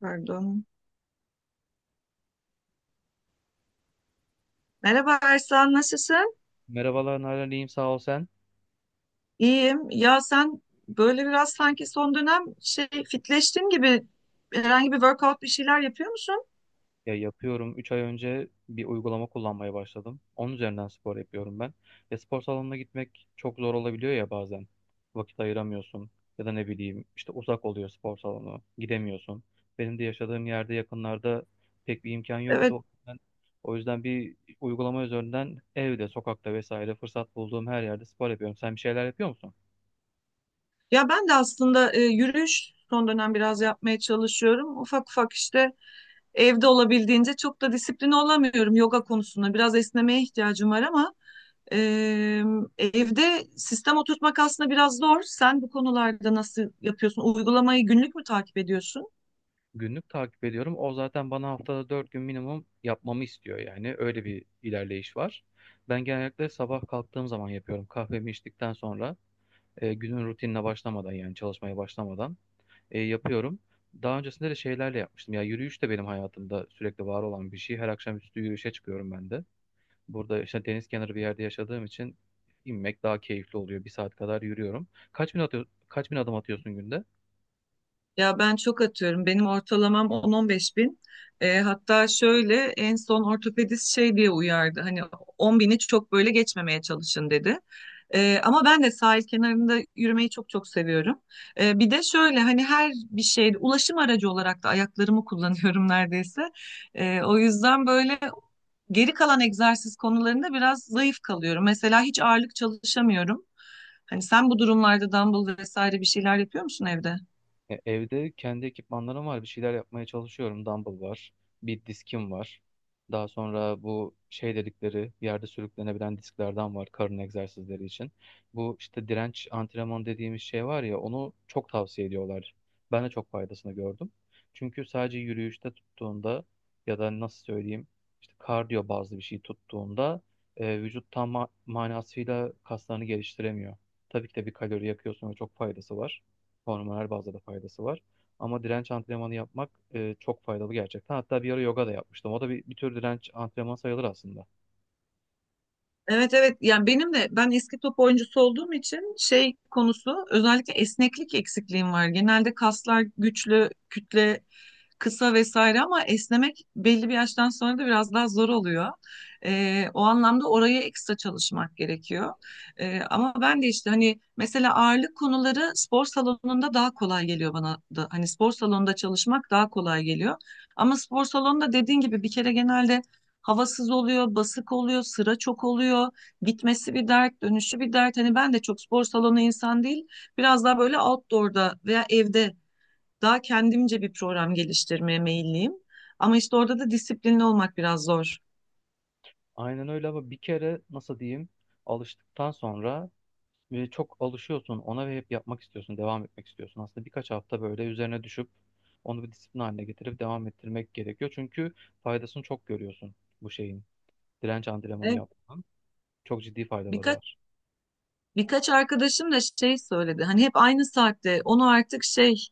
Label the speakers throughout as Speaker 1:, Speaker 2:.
Speaker 1: Pardon. Merhaba Ersan, nasılsın?
Speaker 2: Merhabalar Nalan, iyiyim sağ ol sen.
Speaker 1: İyiyim. Ya sen böyle biraz sanki son dönem şey fitleştin gibi herhangi bir workout bir şeyler yapıyor musun?
Speaker 2: Ya yapıyorum. 3 ay önce bir uygulama kullanmaya başladım. Onun üzerinden spor yapıyorum ben. Ya spor salonuna gitmek çok zor olabiliyor ya bazen. Vakit ayıramıyorsun. Ya da ne bileyim işte uzak oluyor spor salonu. Gidemiyorsun. Benim de yaşadığım yerde yakınlarda pek bir imkan
Speaker 1: Evet.
Speaker 2: yoktu. Ben, o yüzden bir uygulama üzerinden evde, sokakta vesaire fırsat bulduğum her yerde spor yapıyorum. Sen bir şeyler yapıyor musun?
Speaker 1: Ya ben de aslında yürüyüş son dönem biraz yapmaya çalışıyorum. Ufak ufak işte evde olabildiğince çok da disipline olamıyorum yoga konusunda. Biraz esnemeye ihtiyacım var ama e, evde sistem oturtmak aslında biraz zor. Sen bu konularda nasıl yapıyorsun? Uygulamayı günlük mü takip ediyorsun?
Speaker 2: Günlük takip ediyorum. O zaten bana haftada 4 gün minimum yapmamı istiyor yani. Öyle bir ilerleyiş var. Ben genellikle sabah kalktığım zaman yapıyorum. Kahvemi içtikten sonra günün rutinine başlamadan yani çalışmaya başlamadan yapıyorum. Daha öncesinde de şeylerle yapmıştım. Ya yürüyüş de benim hayatımda sürekli var olan bir şey. Her akşamüstü yürüyüşe çıkıyorum ben de. Burada işte deniz kenarı bir yerde yaşadığım için inmek daha keyifli oluyor. 1 saat kadar yürüyorum. Kaç bin atıyor, kaç bin adım atıyorsun günde?
Speaker 1: Ya ben çok atıyorum. Benim ortalamam 10-15 bin. Hatta şöyle en son ortopedist şey diye uyardı. Hani 10 bini çok böyle geçmemeye çalışın dedi. Ama ben de sahil kenarında yürümeyi çok çok seviyorum. Bir de şöyle hani her bir şeyde ulaşım aracı olarak da ayaklarımı kullanıyorum neredeyse. O yüzden böyle geri kalan egzersiz konularında biraz zayıf kalıyorum. Mesela hiç ağırlık çalışamıyorum. Hani sen bu durumlarda dumbbell vesaire bir şeyler yapıyor musun evde?
Speaker 2: E, Evde kendi ekipmanlarım var. Bir şeyler yapmaya çalışıyorum. Dumbbell var. Bir diskim var. Daha sonra bu şey dedikleri yerde sürüklenebilen disklerden var karın egzersizleri için. Bu işte direnç antrenmanı dediğimiz şey var ya onu çok tavsiye ediyorlar. Ben de çok faydasını gördüm. Çünkü sadece yürüyüşte tuttuğunda ya da nasıl söyleyeyim işte kardiyo bazlı bir şey tuttuğunda vücut tam manasıyla kaslarını geliştiremiyor. Tabii ki de bir kalori yakıyorsun ve çok faydası var. Hormonal bazda da faydası var. Ama direnç antrenmanı yapmak çok faydalı gerçekten. Hatta bir ara yoga da yapmıştım. O da bir tür direnç antrenmanı sayılır aslında.
Speaker 1: Evet, evet, yani benim de ben eski top oyuncusu olduğum için şey konusu özellikle esneklik eksikliğim var. Genelde kaslar güçlü, kütle kısa vesaire ama esnemek belli bir yaştan sonra da biraz daha zor oluyor. O anlamda oraya ekstra çalışmak gerekiyor. Ama ben de işte hani mesela ağırlık konuları spor salonunda daha kolay geliyor bana da. Hani spor salonunda çalışmak daha kolay geliyor. Ama spor salonunda dediğin gibi bir kere genelde havasız oluyor, basık oluyor, sıra çok oluyor. Gitmesi bir dert, dönüşü bir dert. Hani ben de çok spor salonu insan değil. Biraz daha böyle outdoor'da veya evde daha kendimce bir program geliştirmeye meyilliyim. Ama işte orada da disiplinli olmak biraz zor.
Speaker 2: Aynen öyle ama bir kere nasıl diyeyim alıştıktan sonra çok alışıyorsun ona ve hep yapmak istiyorsun, devam etmek istiyorsun. Aslında birkaç hafta böyle üzerine düşüp onu bir disiplin haline getirip devam ettirmek gerekiyor. Çünkü faydasını çok görüyorsun bu şeyin. Direnç antrenmanı
Speaker 1: Evet,
Speaker 2: yapmanın çok ciddi faydaları
Speaker 1: birkaç
Speaker 2: var.
Speaker 1: Birkaç arkadaşım da şey söyledi. Hani hep aynı saatte onu artık şey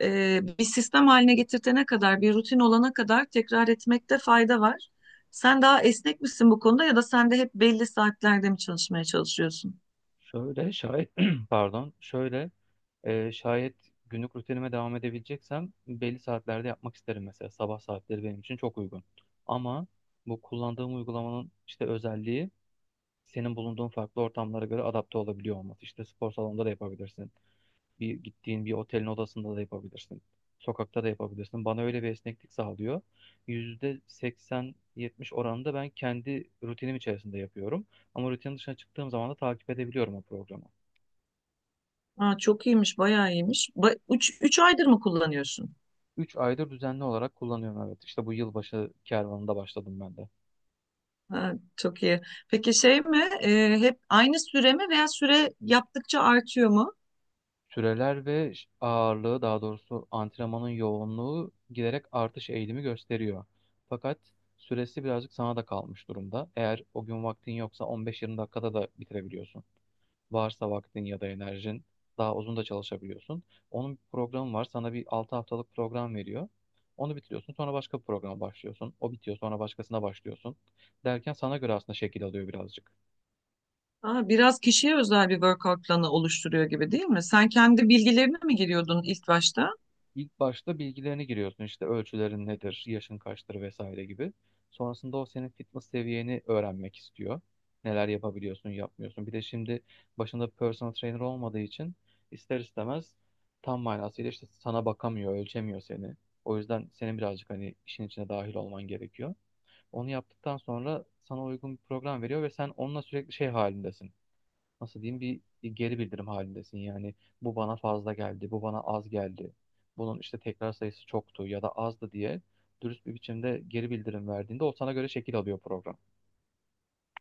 Speaker 1: bir sistem haline getirtene kadar, bir rutin olana kadar tekrar etmekte fayda var. Sen daha esnek misin bu konuda ya da sen de hep belli saatlerde mi çalışmaya çalışıyorsun?
Speaker 2: Şöyle şayet pardon şöyle şayet günlük rutinime devam edebileceksem belli saatlerde yapmak isterim mesela. Sabah saatleri benim için çok uygun. Ama bu kullandığım uygulamanın işte özelliği senin bulunduğun farklı ortamlara göre adapte olabiliyor olması. İşte spor salonunda da yapabilirsin. Bir gittiğin bir otelin odasında da yapabilirsin. Sokakta da yapabilirsin. Bana öyle bir esneklik sağlıyor. %80-70 oranında ben kendi rutinim içerisinde yapıyorum. Ama rutinin dışına çıktığım zaman da takip edebiliyorum o programı.
Speaker 1: Aa, çok iyiymiş, bayağı iyiymiş. Üç aydır mı kullanıyorsun?
Speaker 2: 3 aydır düzenli olarak kullanıyorum evet. İşte bu yılbaşı kervanında başladım ben de.
Speaker 1: Ha, çok iyi. Peki şey mi? Hep aynı süre mi veya süre yaptıkça artıyor mu?
Speaker 2: Süreler ve ağırlığı daha doğrusu antrenmanın yoğunluğu giderek artış eğilimi gösteriyor. Fakat süresi birazcık sana da kalmış durumda. Eğer o gün vaktin yoksa 15-20 dakikada da bitirebiliyorsun. Varsa vaktin ya da enerjin daha uzun da çalışabiliyorsun. Onun bir programı var. Sana bir 6 haftalık program veriyor. Onu bitiriyorsun. Sonra başka bir programa başlıyorsun. O bitiyor. Sonra başkasına başlıyorsun. Derken sana göre aslında şekil alıyor birazcık.
Speaker 1: Aa, biraz kişiye özel bir workout planı oluşturuyor gibi değil mi? Sen kendi bilgilerine mi giriyordun ilk başta?
Speaker 2: İlk başta bilgilerini giriyorsun işte ölçülerin nedir, yaşın kaçtır vesaire gibi. Sonrasında o senin fitness seviyeni öğrenmek istiyor. Neler yapabiliyorsun, yapmıyorsun. Bir de şimdi başında personal trainer olmadığı için ister istemez tam manasıyla işte sana bakamıyor, ölçemiyor seni. O yüzden senin birazcık hani işin içine dahil olman gerekiyor. Onu yaptıktan sonra sana uygun bir program veriyor ve sen onunla sürekli şey halindesin nasıl diyeyim bir geri bildirim halindesin. Yani bu bana fazla geldi, bu bana az geldi. Bunun işte tekrar sayısı çoktu ya da azdı diye dürüst bir biçimde geri bildirim verdiğinde o sana göre şekil alıyor program.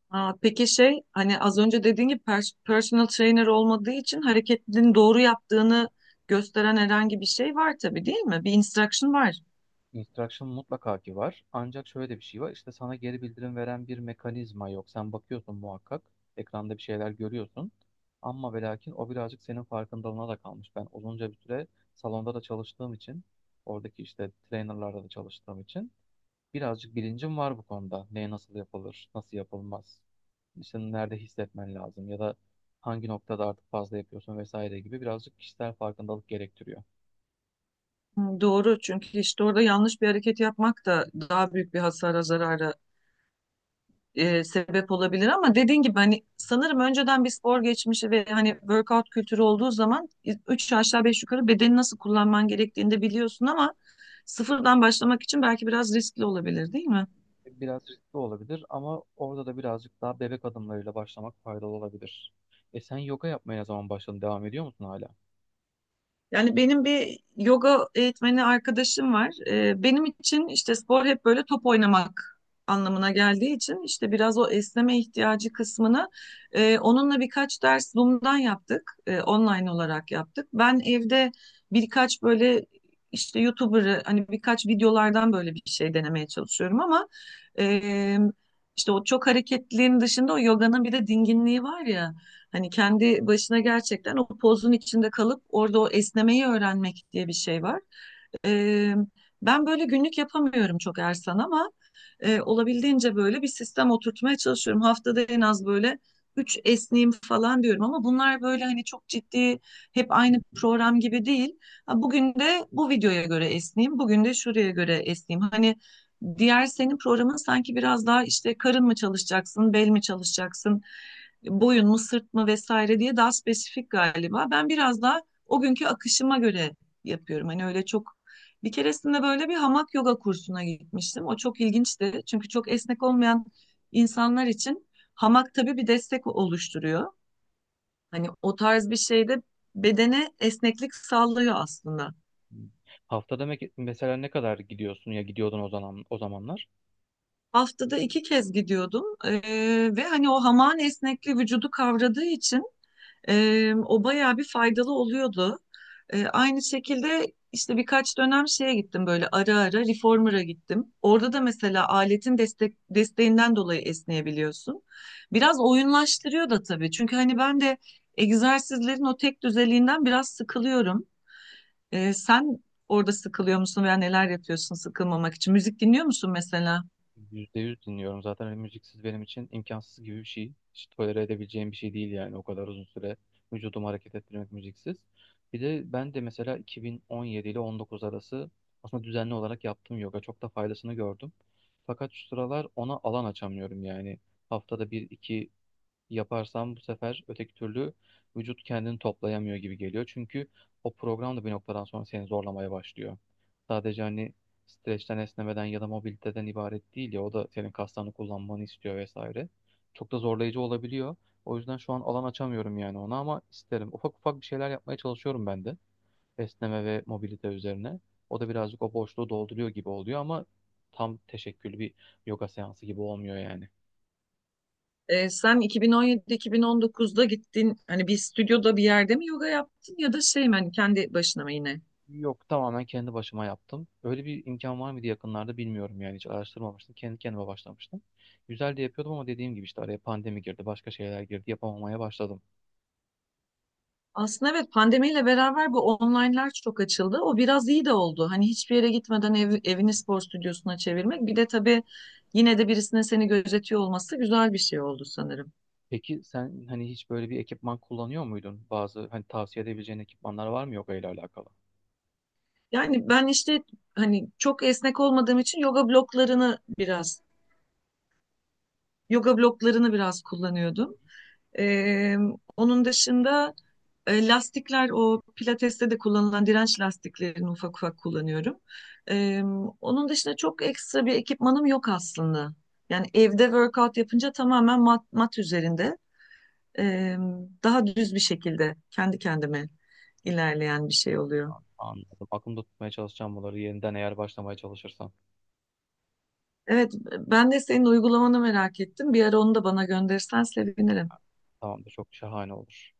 Speaker 1: Aa, peki şey hani az önce dediğin gibi personal trainer olmadığı için hareketlerini doğru yaptığını gösteren herhangi bir şey var tabii değil mi? Bir instruction var.
Speaker 2: Instruction mutlaka ki var. Ancak şöyle de bir şey var. İşte sana geri bildirim veren bir mekanizma yok. Sen bakıyorsun muhakkak. Ekranda bir şeyler görüyorsun. Ama ve lakin o birazcık senin farkındalığına da kalmış. Ben uzunca bir süre salonda da çalıştığım için, oradaki işte trainerlarda da çalıştığım için birazcık bilincim var bu konuda. Ne nasıl yapılır, nasıl yapılmaz. İşte nerede hissetmen lazım ya da hangi noktada artık fazla yapıyorsun vesaire gibi birazcık kişisel farkındalık gerektiriyor.
Speaker 1: Hı, doğru, çünkü işte orada yanlış bir hareket yapmak da daha büyük bir hasara zarara sebep olabilir ama dediğin gibi hani sanırım önceden bir spor geçmişi ve hani workout kültürü olduğu zaman üç aşağı beş yukarı bedeni nasıl kullanman gerektiğini de biliyorsun ama sıfırdan başlamak için belki biraz riskli olabilir değil mi?
Speaker 2: Biraz riskli olabilir ama orada da birazcık daha bebek adımlarıyla başlamak faydalı olabilir. E sen yoga yapmaya ne zaman başladın? Devam ediyor musun hala?
Speaker 1: Yani benim bir yoga eğitmeni arkadaşım var. Benim için işte spor hep böyle top oynamak anlamına geldiği için işte biraz o esneme ihtiyacı kısmını onunla birkaç ders Zoom'dan yaptık. Online olarak yaptık. Ben evde birkaç böyle işte YouTuber'ı hani birkaç videolardan böyle bir şey denemeye çalışıyorum ama e, işte o çok hareketliliğin dışında o yoganın bir de dinginliği var ya. Hani kendi başına gerçekten o pozun içinde kalıp orada o esnemeyi öğrenmek diye bir şey var. Eee, Ben böyle günlük yapamıyorum çok Ersan ama olabildiğince böyle bir sistem oturtmaya çalışıyorum. Haftada en az böyle üç esneyim falan diyorum ama bunlar böyle hani çok ciddi hep aynı program gibi değil. Ha, bugün de bu videoya göre esneyim, bugün de şuraya göre esneyim. Hani diğer senin programın sanki biraz daha işte karın mı çalışacaksın, bel mi çalışacaksın, boyun mu, sırt mı vesaire diye daha spesifik galiba. Ben biraz daha o günkü akışıma göre yapıyorum. Hani öyle çok bir keresinde böyle bir hamak yoga kursuna gitmiştim. O çok ilginçti. Çünkü çok esnek olmayan insanlar için hamak tabii bir destek oluşturuyor. Hani o tarz bir şeyde bedene esneklik sağlıyor aslında.
Speaker 2: Haftada mesela ne kadar gidiyorsun ya gidiyordun o zaman o zamanlar?
Speaker 1: Haftada iki kez gidiyordum. Ve hani o hamağın esnekliği vücudu kavradığı için o bayağı bir faydalı oluyordu. Aynı şekilde işte birkaç dönem şeye gittim böyle ara ara reformer'a gittim. Orada da mesela aletin desteğinden dolayı esneyebiliyorsun. Biraz oyunlaştırıyor da tabii. Çünkü hani ben de egzersizlerin o tek düzeliğinden biraz sıkılıyorum. Sen orada sıkılıyor musun veya neler yapıyorsun sıkılmamak için? Müzik dinliyor musun mesela?
Speaker 2: %100 dinliyorum. Zaten hani müziksiz benim için imkansız gibi bir şey. Hiç tolere edebileceğim bir şey değil yani o kadar uzun süre vücudumu hareket ettirmek müziksiz. Bir de ben de mesela 2017 ile 19 arası aslında düzenli olarak yaptığım yoga çok da faydasını gördüm. Fakat şu sıralar ona alan açamıyorum yani. Haftada bir iki yaparsam bu sefer öteki türlü vücut kendini toplayamıyor gibi geliyor. Çünkü o program da bir noktadan sonra seni zorlamaya başlıyor. Sadece hani streçten esnemeden ya da mobiliteden ibaret değil ya o da senin kaslarını kullanmanı istiyor vesaire. Çok da zorlayıcı olabiliyor. O yüzden şu an alan açamıyorum yani ona ama isterim. Ufak ufak bir şeyler yapmaya çalışıyorum ben de. Esneme ve mobilite üzerine. O da birazcık o boşluğu dolduruyor gibi oluyor ama tam teşekküllü bir yoga seansı gibi olmuyor yani.
Speaker 1: Sen 2017-2019'da gittin hani bir stüdyoda bir yerde mi yoga yaptın ya da şey mi hani kendi başına mı yine?
Speaker 2: Yok tamamen kendi başıma yaptım. Öyle bir imkan var mıydı yakınlarda bilmiyorum yani hiç araştırmamıştım. Kendi kendime başlamıştım. Güzel de yapıyordum ama dediğim gibi işte araya pandemi girdi, başka şeyler girdi, yapamamaya başladım.
Speaker 1: Aslında evet pandemiyle beraber bu online'lar çok açıldı. O biraz iyi de oldu. Hani hiçbir yere gitmeden evini spor stüdyosuna çevirmek. Bir de tabii yine de birisinin seni gözetiyor olması güzel bir şey oldu sanırım.
Speaker 2: Peki sen hani hiç böyle bir ekipman kullanıyor muydun? Bazı hani tavsiye edebileceğin ekipmanlar var mı yok ile alakalı?
Speaker 1: Yani ben işte hani çok esnek olmadığım için yoga bloklarını biraz kullanıyordum. Ee, Onun dışında lastikler o pilateste de kullanılan direnç lastiklerini ufak ufak kullanıyorum. Ee, Onun dışında çok ekstra bir ekipmanım yok aslında. Yani evde workout yapınca tamamen mat üzerinde e, daha düz bir şekilde kendi kendime ilerleyen bir şey oluyor.
Speaker 2: Anladım. Aklımda tutmaya çalışacağım bunları yeniden eğer başlamaya çalışırsam.
Speaker 1: Evet, ben de senin uygulamanı merak ettim. Bir ara onu da bana gönderirsen sevinirim.
Speaker 2: Tamamdır çok şahane olur.